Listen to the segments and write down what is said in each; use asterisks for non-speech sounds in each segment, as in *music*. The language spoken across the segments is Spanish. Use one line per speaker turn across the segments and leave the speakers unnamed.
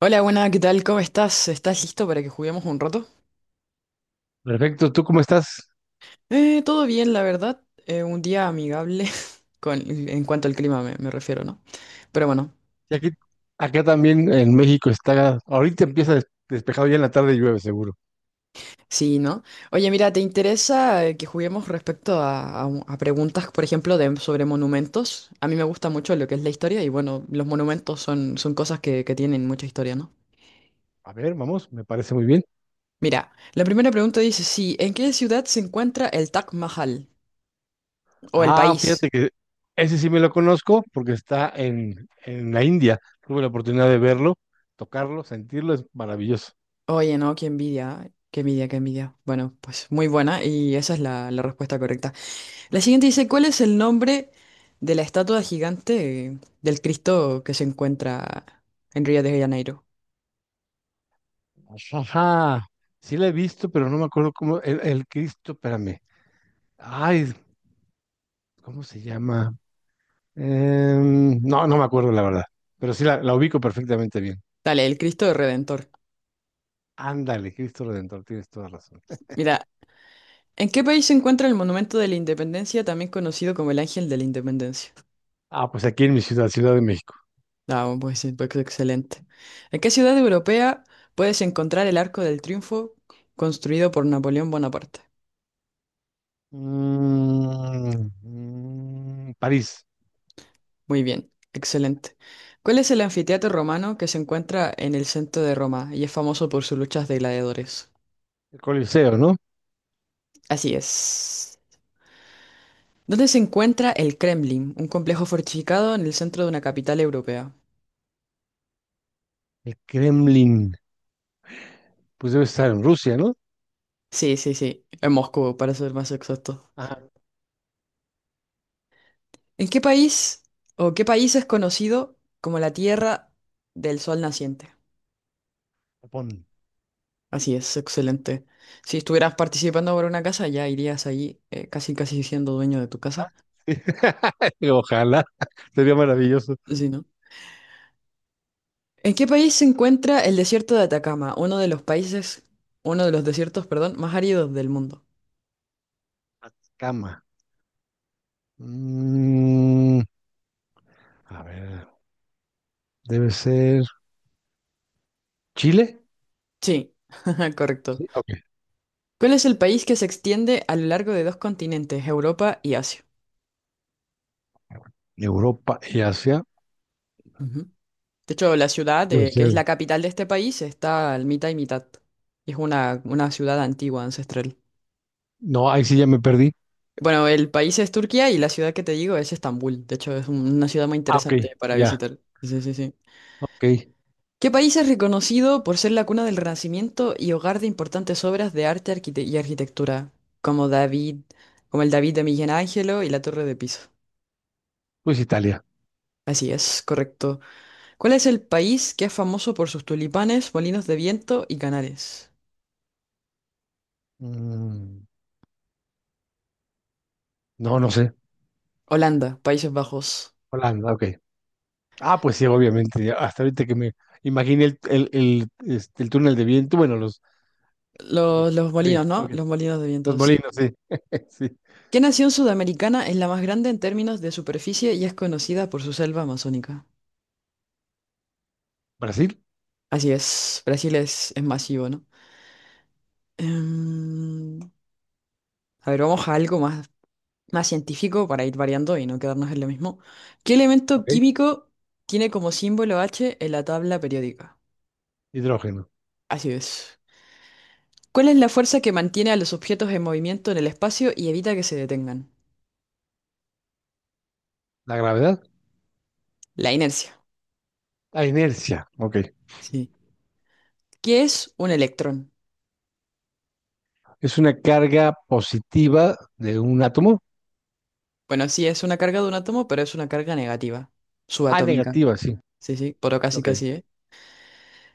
Hola, buena, ¿qué tal? ¿Cómo estás? ¿Estás listo para que juguemos un rato?
Perfecto, ¿tú cómo estás?
Todo bien, la verdad. Un día amigable *laughs* con, en cuanto al clima me refiero, ¿no? Pero bueno,
Y aquí, acá también en México está, ahorita empieza despejado, ya en la tarde llueve seguro.
sí, ¿no? Oye, mira, ¿te interesa que juguemos respecto a preguntas, por ejemplo, de, sobre monumentos? A mí me gusta mucho lo que es la historia y bueno, los monumentos son cosas que tienen mucha historia, ¿no?
A ver, vamos, me parece muy bien.
Mira, la primera pregunta dice, sí, ¿en qué ciudad se encuentra el Taj Mahal? O el
Ah,
país.
fíjate que ese sí me lo conozco porque está en la India. Tuve la oportunidad de verlo, tocarlo, sentirlo, es maravilloso.
Oye, no, qué envidia, qué envidia, qué envidia. Bueno, pues muy buena y esa es la respuesta correcta. La siguiente dice, ¿cuál es el nombre de la estatua gigante del Cristo que se encuentra en Río de Janeiro?
Ajá, sí la he visto, pero no me acuerdo cómo, el Cristo, espérame. Ay, ¿cómo se llama? No me acuerdo la verdad, pero sí la ubico perfectamente bien.
Dale, el Cristo Redentor.
Ándale, Cristo Redentor, tienes toda razón.
Mira, ¿en qué país se encuentra el Monumento de la Independencia, también conocido como el Ángel de la Independencia?
Ah, pues aquí en mi ciudad, Ciudad de México.
Ah, bueno, pues sí, pues excelente. ¿En qué ciudad europea puedes encontrar el Arco del Triunfo construido por Napoleón Bonaparte?
París,
Muy bien, excelente. ¿Cuál es el anfiteatro romano que se encuentra en el centro de Roma y es famoso por sus luchas de gladiadores?
el Coliseo, ¿no?
Así es. ¿Dónde se encuentra el Kremlin, un complejo fortificado en el centro de una capital europea?
El Kremlin, pues debe estar en Rusia, ¿no?
Sí, sí, sí, en Moscú, para ser más exacto.
Ah,
¿En qué país o qué país es conocido como la Tierra del Sol Naciente?
Japón.
Así es, excelente. Si estuvieras participando por una casa, ya irías allí casi casi siendo dueño de tu casa.
*laughs* Ojalá, sería maravilloso.
Sí, ¿no? ¿En qué país se encuentra el desierto de Atacama, uno de los países, uno de los desiertos, perdón, más áridos del mundo?
Atacama. Mm, a ver, debe ser Chile.
Sí, *laughs* correcto.
Sí, ok.
¿Cuál es el país que se extiende a lo largo de dos continentes, Europa y Asia?
Europa y Asia.
Ujú. De hecho, la ciudad,
Debe
que es la
ser.
capital de este país, está al mitad y mitad. Es una ciudad antigua, ancestral.
No, ahí sí ya me perdí.
Bueno, el país es Turquía y la ciudad que te digo es Estambul. De hecho, es una ciudad muy
Ah, ok,
interesante para
ya,
visitar. Sí, sí, sí.
ok.
¿Qué país es reconocido por ser la cuna del Renacimiento y hogar de importantes obras de arte y arquitectura, como David, como el David de Miguel Ángelo y la Torre de Pisa?
Pues Italia.
Así es, correcto. ¿Cuál es el país que es famoso por sus tulipanes, molinos de viento y canales?
Mm, no, no sé.
Holanda, Países Bajos.
Holanda, ok. Ah, pues sí, obviamente. Hasta ahorita que me imaginé el túnel de viento. Bueno, los. Ah, bien,
Los
está
molinos,
bien,
¿no?
ok.
Los molinos de
Los
viento, sí.
molinos, sí. *laughs* Sí.
¿Qué nación sudamericana es la más grande en términos de superficie y es conocida por su selva amazónica?
Brasil,
Así es, Brasil es masivo, ¿no? Em, A ver, vamos a algo más científico para ir variando y no quedarnos en lo mismo. ¿Qué elemento
ok.
químico tiene como símbolo H en la tabla periódica?
Hidrógeno.
Así es. ¿Cuál es la fuerza que mantiene a los objetos en movimiento en el espacio y evita que se detengan?
La gravedad,
La inercia.
la inercia, ok.
Sí. ¿Qué es un electrón?
Es una carga positiva de un átomo.
Bueno, sí, es una carga de un átomo, pero es una carga negativa,
Ah,
subatómica.
negativa, sí.
Sí, sí, pero casi
Ok.
casi, ¿eh?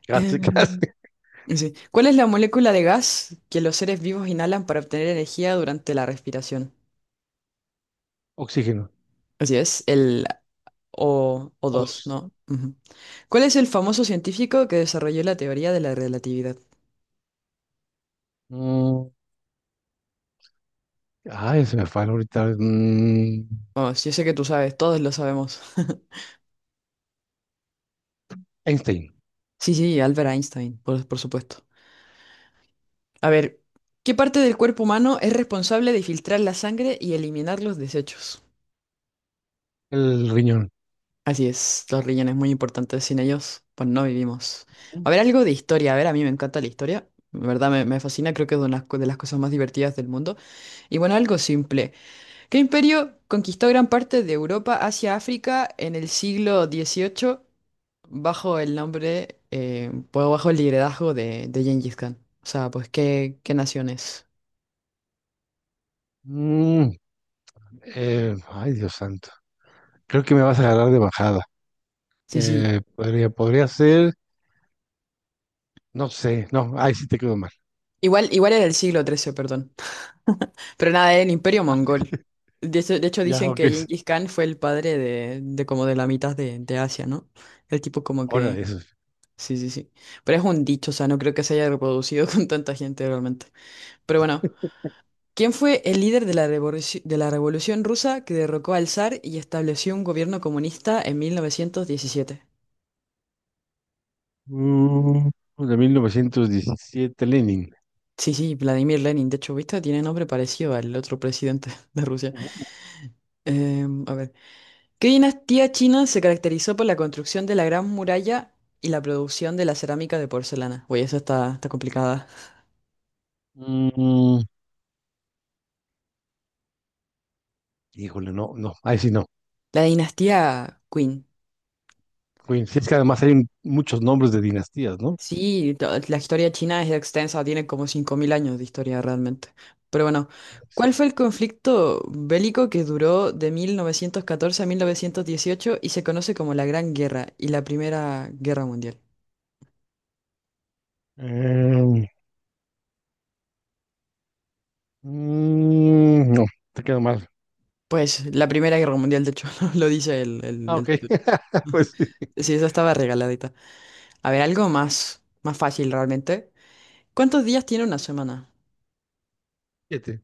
Casi, *laughs*
Em,
casi.
sí. ¿Cuál es la molécula de gas que los seres vivos inhalan para obtener energía durante la respiración?
Oxígeno.
Así es, el
O
O2,
dos.
¿no? Ujú. ¿Cuál es el famoso científico que desarrolló la teoría de la relatividad?
Mm, ay, se me falla ahorita. Mm,
Vamos, yo sé que tú sabes, todos lo sabemos. *laughs*
Einstein,
Sí, sí, Albert Einstein, por supuesto. A ver, ¿qué parte del cuerpo humano es responsable de filtrar la sangre y eliminar los desechos?
el riñón.
Así es, los riñones muy importantes, sin ellos, pues no vivimos. A ver, algo de historia, a ver, a mí me encanta la historia, de verdad me fascina, creo que es una de las cosas más divertidas del mundo. Y bueno, algo simple. ¿Qué imperio conquistó gran parte de Europa, Asia, África en el siglo XVIII bajo el nombre, pues, bajo el liderazgo de Gengis Khan? O sea, pues, ¿qué naciones?
Mm, ay, Dios santo. Creo que me vas a agarrar de bajada.
Sí, sí.
Podría ser, no sé, no, ahí sí te quedó mal.
Igual era el siglo XIII, perdón. Pero nada, era el imperio mongol. De hecho,
Ya,
dicen
ok,
que
es
Gengis Khan fue el padre de como de la mitad de Asia, ¿no? El tipo como
hora
que.
de eso.
Sí, sí, sí. Pero es un dicho, o sea, no creo que se haya reproducido *laughs* con tanta gente realmente. Pero bueno. ¿Quién fue el líder de la Revolución Rusa que derrocó al zar y estableció un gobierno comunista en 1917?
Uh, de 1917, Lenin.
Sí, sí, Vladimir Lenin. De hecho, ¿viste? Tiene nombre parecido al otro presidente *laughs* de Rusia.
Ujú.
A ver. ¿Qué dinastía china se caracterizó por la construcción de la Gran Muralla y la producción de la cerámica de porcelana? Oye, esa está complicada.
Mm, híjole, no, ahí sí no.
La dinastía Qin.
Uy, sí, es que además hay muchos nombres de dinastías, ¿no?
Sí, la historia china es extensa, tiene como 5.000 años de historia realmente. Pero bueno,
Debe
¿cuál
ser.
fue el conflicto bélico que duró de 1914 a 1918 y se conoce como la Gran Guerra y la Primera Guerra Mundial?
Eh, no, te quedó mal.
Pues la Primera Guerra Mundial, de hecho, *laughs* ¿no? Lo dice el, el,
Ah,
el
ok,
título.
*laughs* pues sí.
Sí, esa estaba regaladita. A ver, algo más fácil realmente. ¿Cuántos días tiene una semana?
Siete.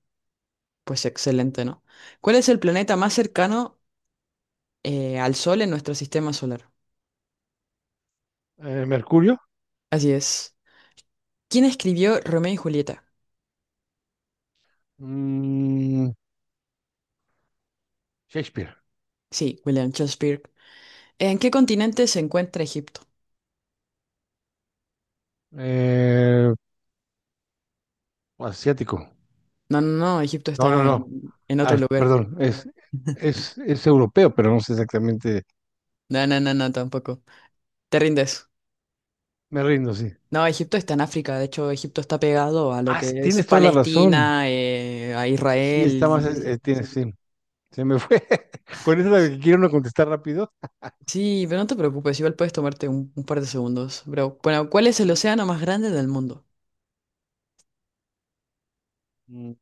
Pues excelente, ¿no? ¿Cuál es el planeta más cercano al Sol en nuestro sistema solar?
Mercurio.
Así es. ¿Quién escribió Romeo y Julieta?
Mm, Shakespeare.
Sí, William Shakespeare. ¿En qué continente se encuentra Egipto?
Eh, asiático.
No, no, no, Egipto
No, no,
está
no.
en otro
Ah,
lugar.
perdón,
*laughs*
es europeo, pero no sé exactamente.
No, no, no, no, tampoco. Te rindes.
Me rindo, sí.
No, Egipto está en África. De hecho, Egipto está pegado a lo
Ah,
que es
tienes toda la razón.
Palestina, a
Sí, está más.
Israel. Sí,
Eh,
sí,
tienes,
sí.
sí. Se me fue. *laughs* Con eso de que
Sí,
quiero no contestar rápido.
sí, pero no te preocupes, igual puedes tomarte un par de segundos. Pero, bueno, ¿cuál es el
Ujú.
océano más grande del mundo?
Mm,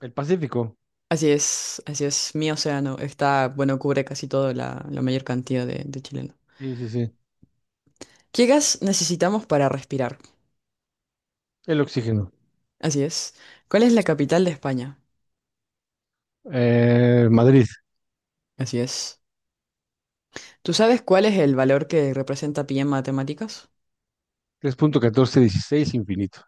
el Pacífico.
Así es, mi océano. Está, bueno, cubre casi toda la mayor cantidad de chilenos.
Sí, sí, sí.
¿Qué gas necesitamos para respirar?
El oxígeno.
Así es. ¿Cuál es la capital de España?
Madrid.
Así es. ¿Tú sabes cuál es el valor que representa pi en matemáticas?
Tres punto 14 16 infinito.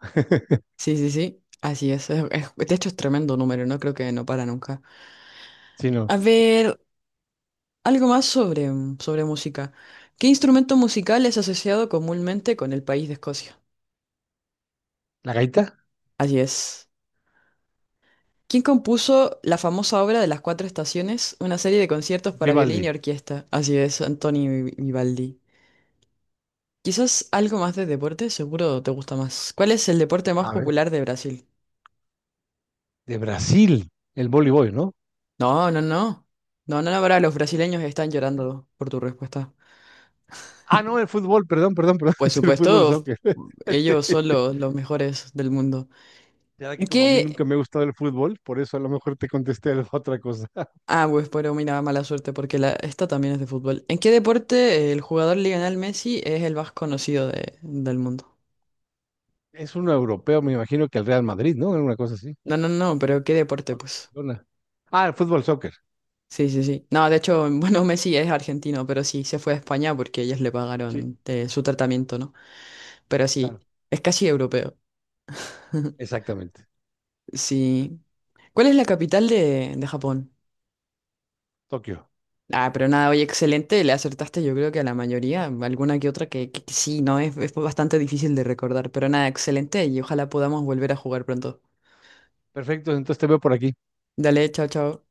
Sí, sí, sí. Así es. De hecho, es tremendo número, ¿no? Creo que no para nunca.
Sí, no.
A ver, algo más sobre música. ¿Qué instrumento musical es asociado comúnmente con el país de Escocia?
¿La gaita?
Así es. ¿Quién compuso la famosa obra de las cuatro estaciones, una serie de conciertos para violín y
Vivaldi.
orquesta? Así es, Antoni Vivaldi. Quizás algo más de deporte, seguro te gusta más. ¿Cuál es el deporte más
A ver.
popular de Brasil?
De Brasil. El voleibol, ¿no?
No, no, no. No, no, no, ahora los brasileños están llorando por tu respuesta.
Ah, no, el fútbol, perdón, perdón, perdón. *laughs*
Pues
Es el fútbol
supuesto,
soccer. *laughs* Sí.
ellos son los mejores del mundo.
Ya
¿En
que como a mí nunca
qué?
me ha gustado el fútbol, por eso a lo mejor te contesté *laughs* otra cosa. *laughs*
Ah, pues pero mira, mala suerte porque esta también es de fútbol. ¿En qué deporte el jugador Lionel Messi es el más conocido del mundo?
Es un europeo, me imagino que el Real Madrid, ¿no? Alguna cosa así.
No, no, no, pero ¿qué deporte,
O
pues?
Barcelona. Ah, el fútbol, soccer.
Sí, sí, sí. No, de hecho, *laughs* bueno, Messi es argentino, pero sí, se fue a España porque ellos le
Sí,
pagaron su tratamiento, ¿no? Pero sí,
claro.
es casi europeo. *laughs*
Exactamente.
Sí. ¿Cuál es la capital de Japón?
Tokio.
Ah, pero nada, oye, excelente, le acertaste yo creo que a la mayoría, alguna que otra que sí, ¿no? Es bastante difícil de recordar, pero nada, excelente y ojalá podamos volver a jugar pronto.
Perfecto, entonces te veo por aquí.
Dale, chao, chao.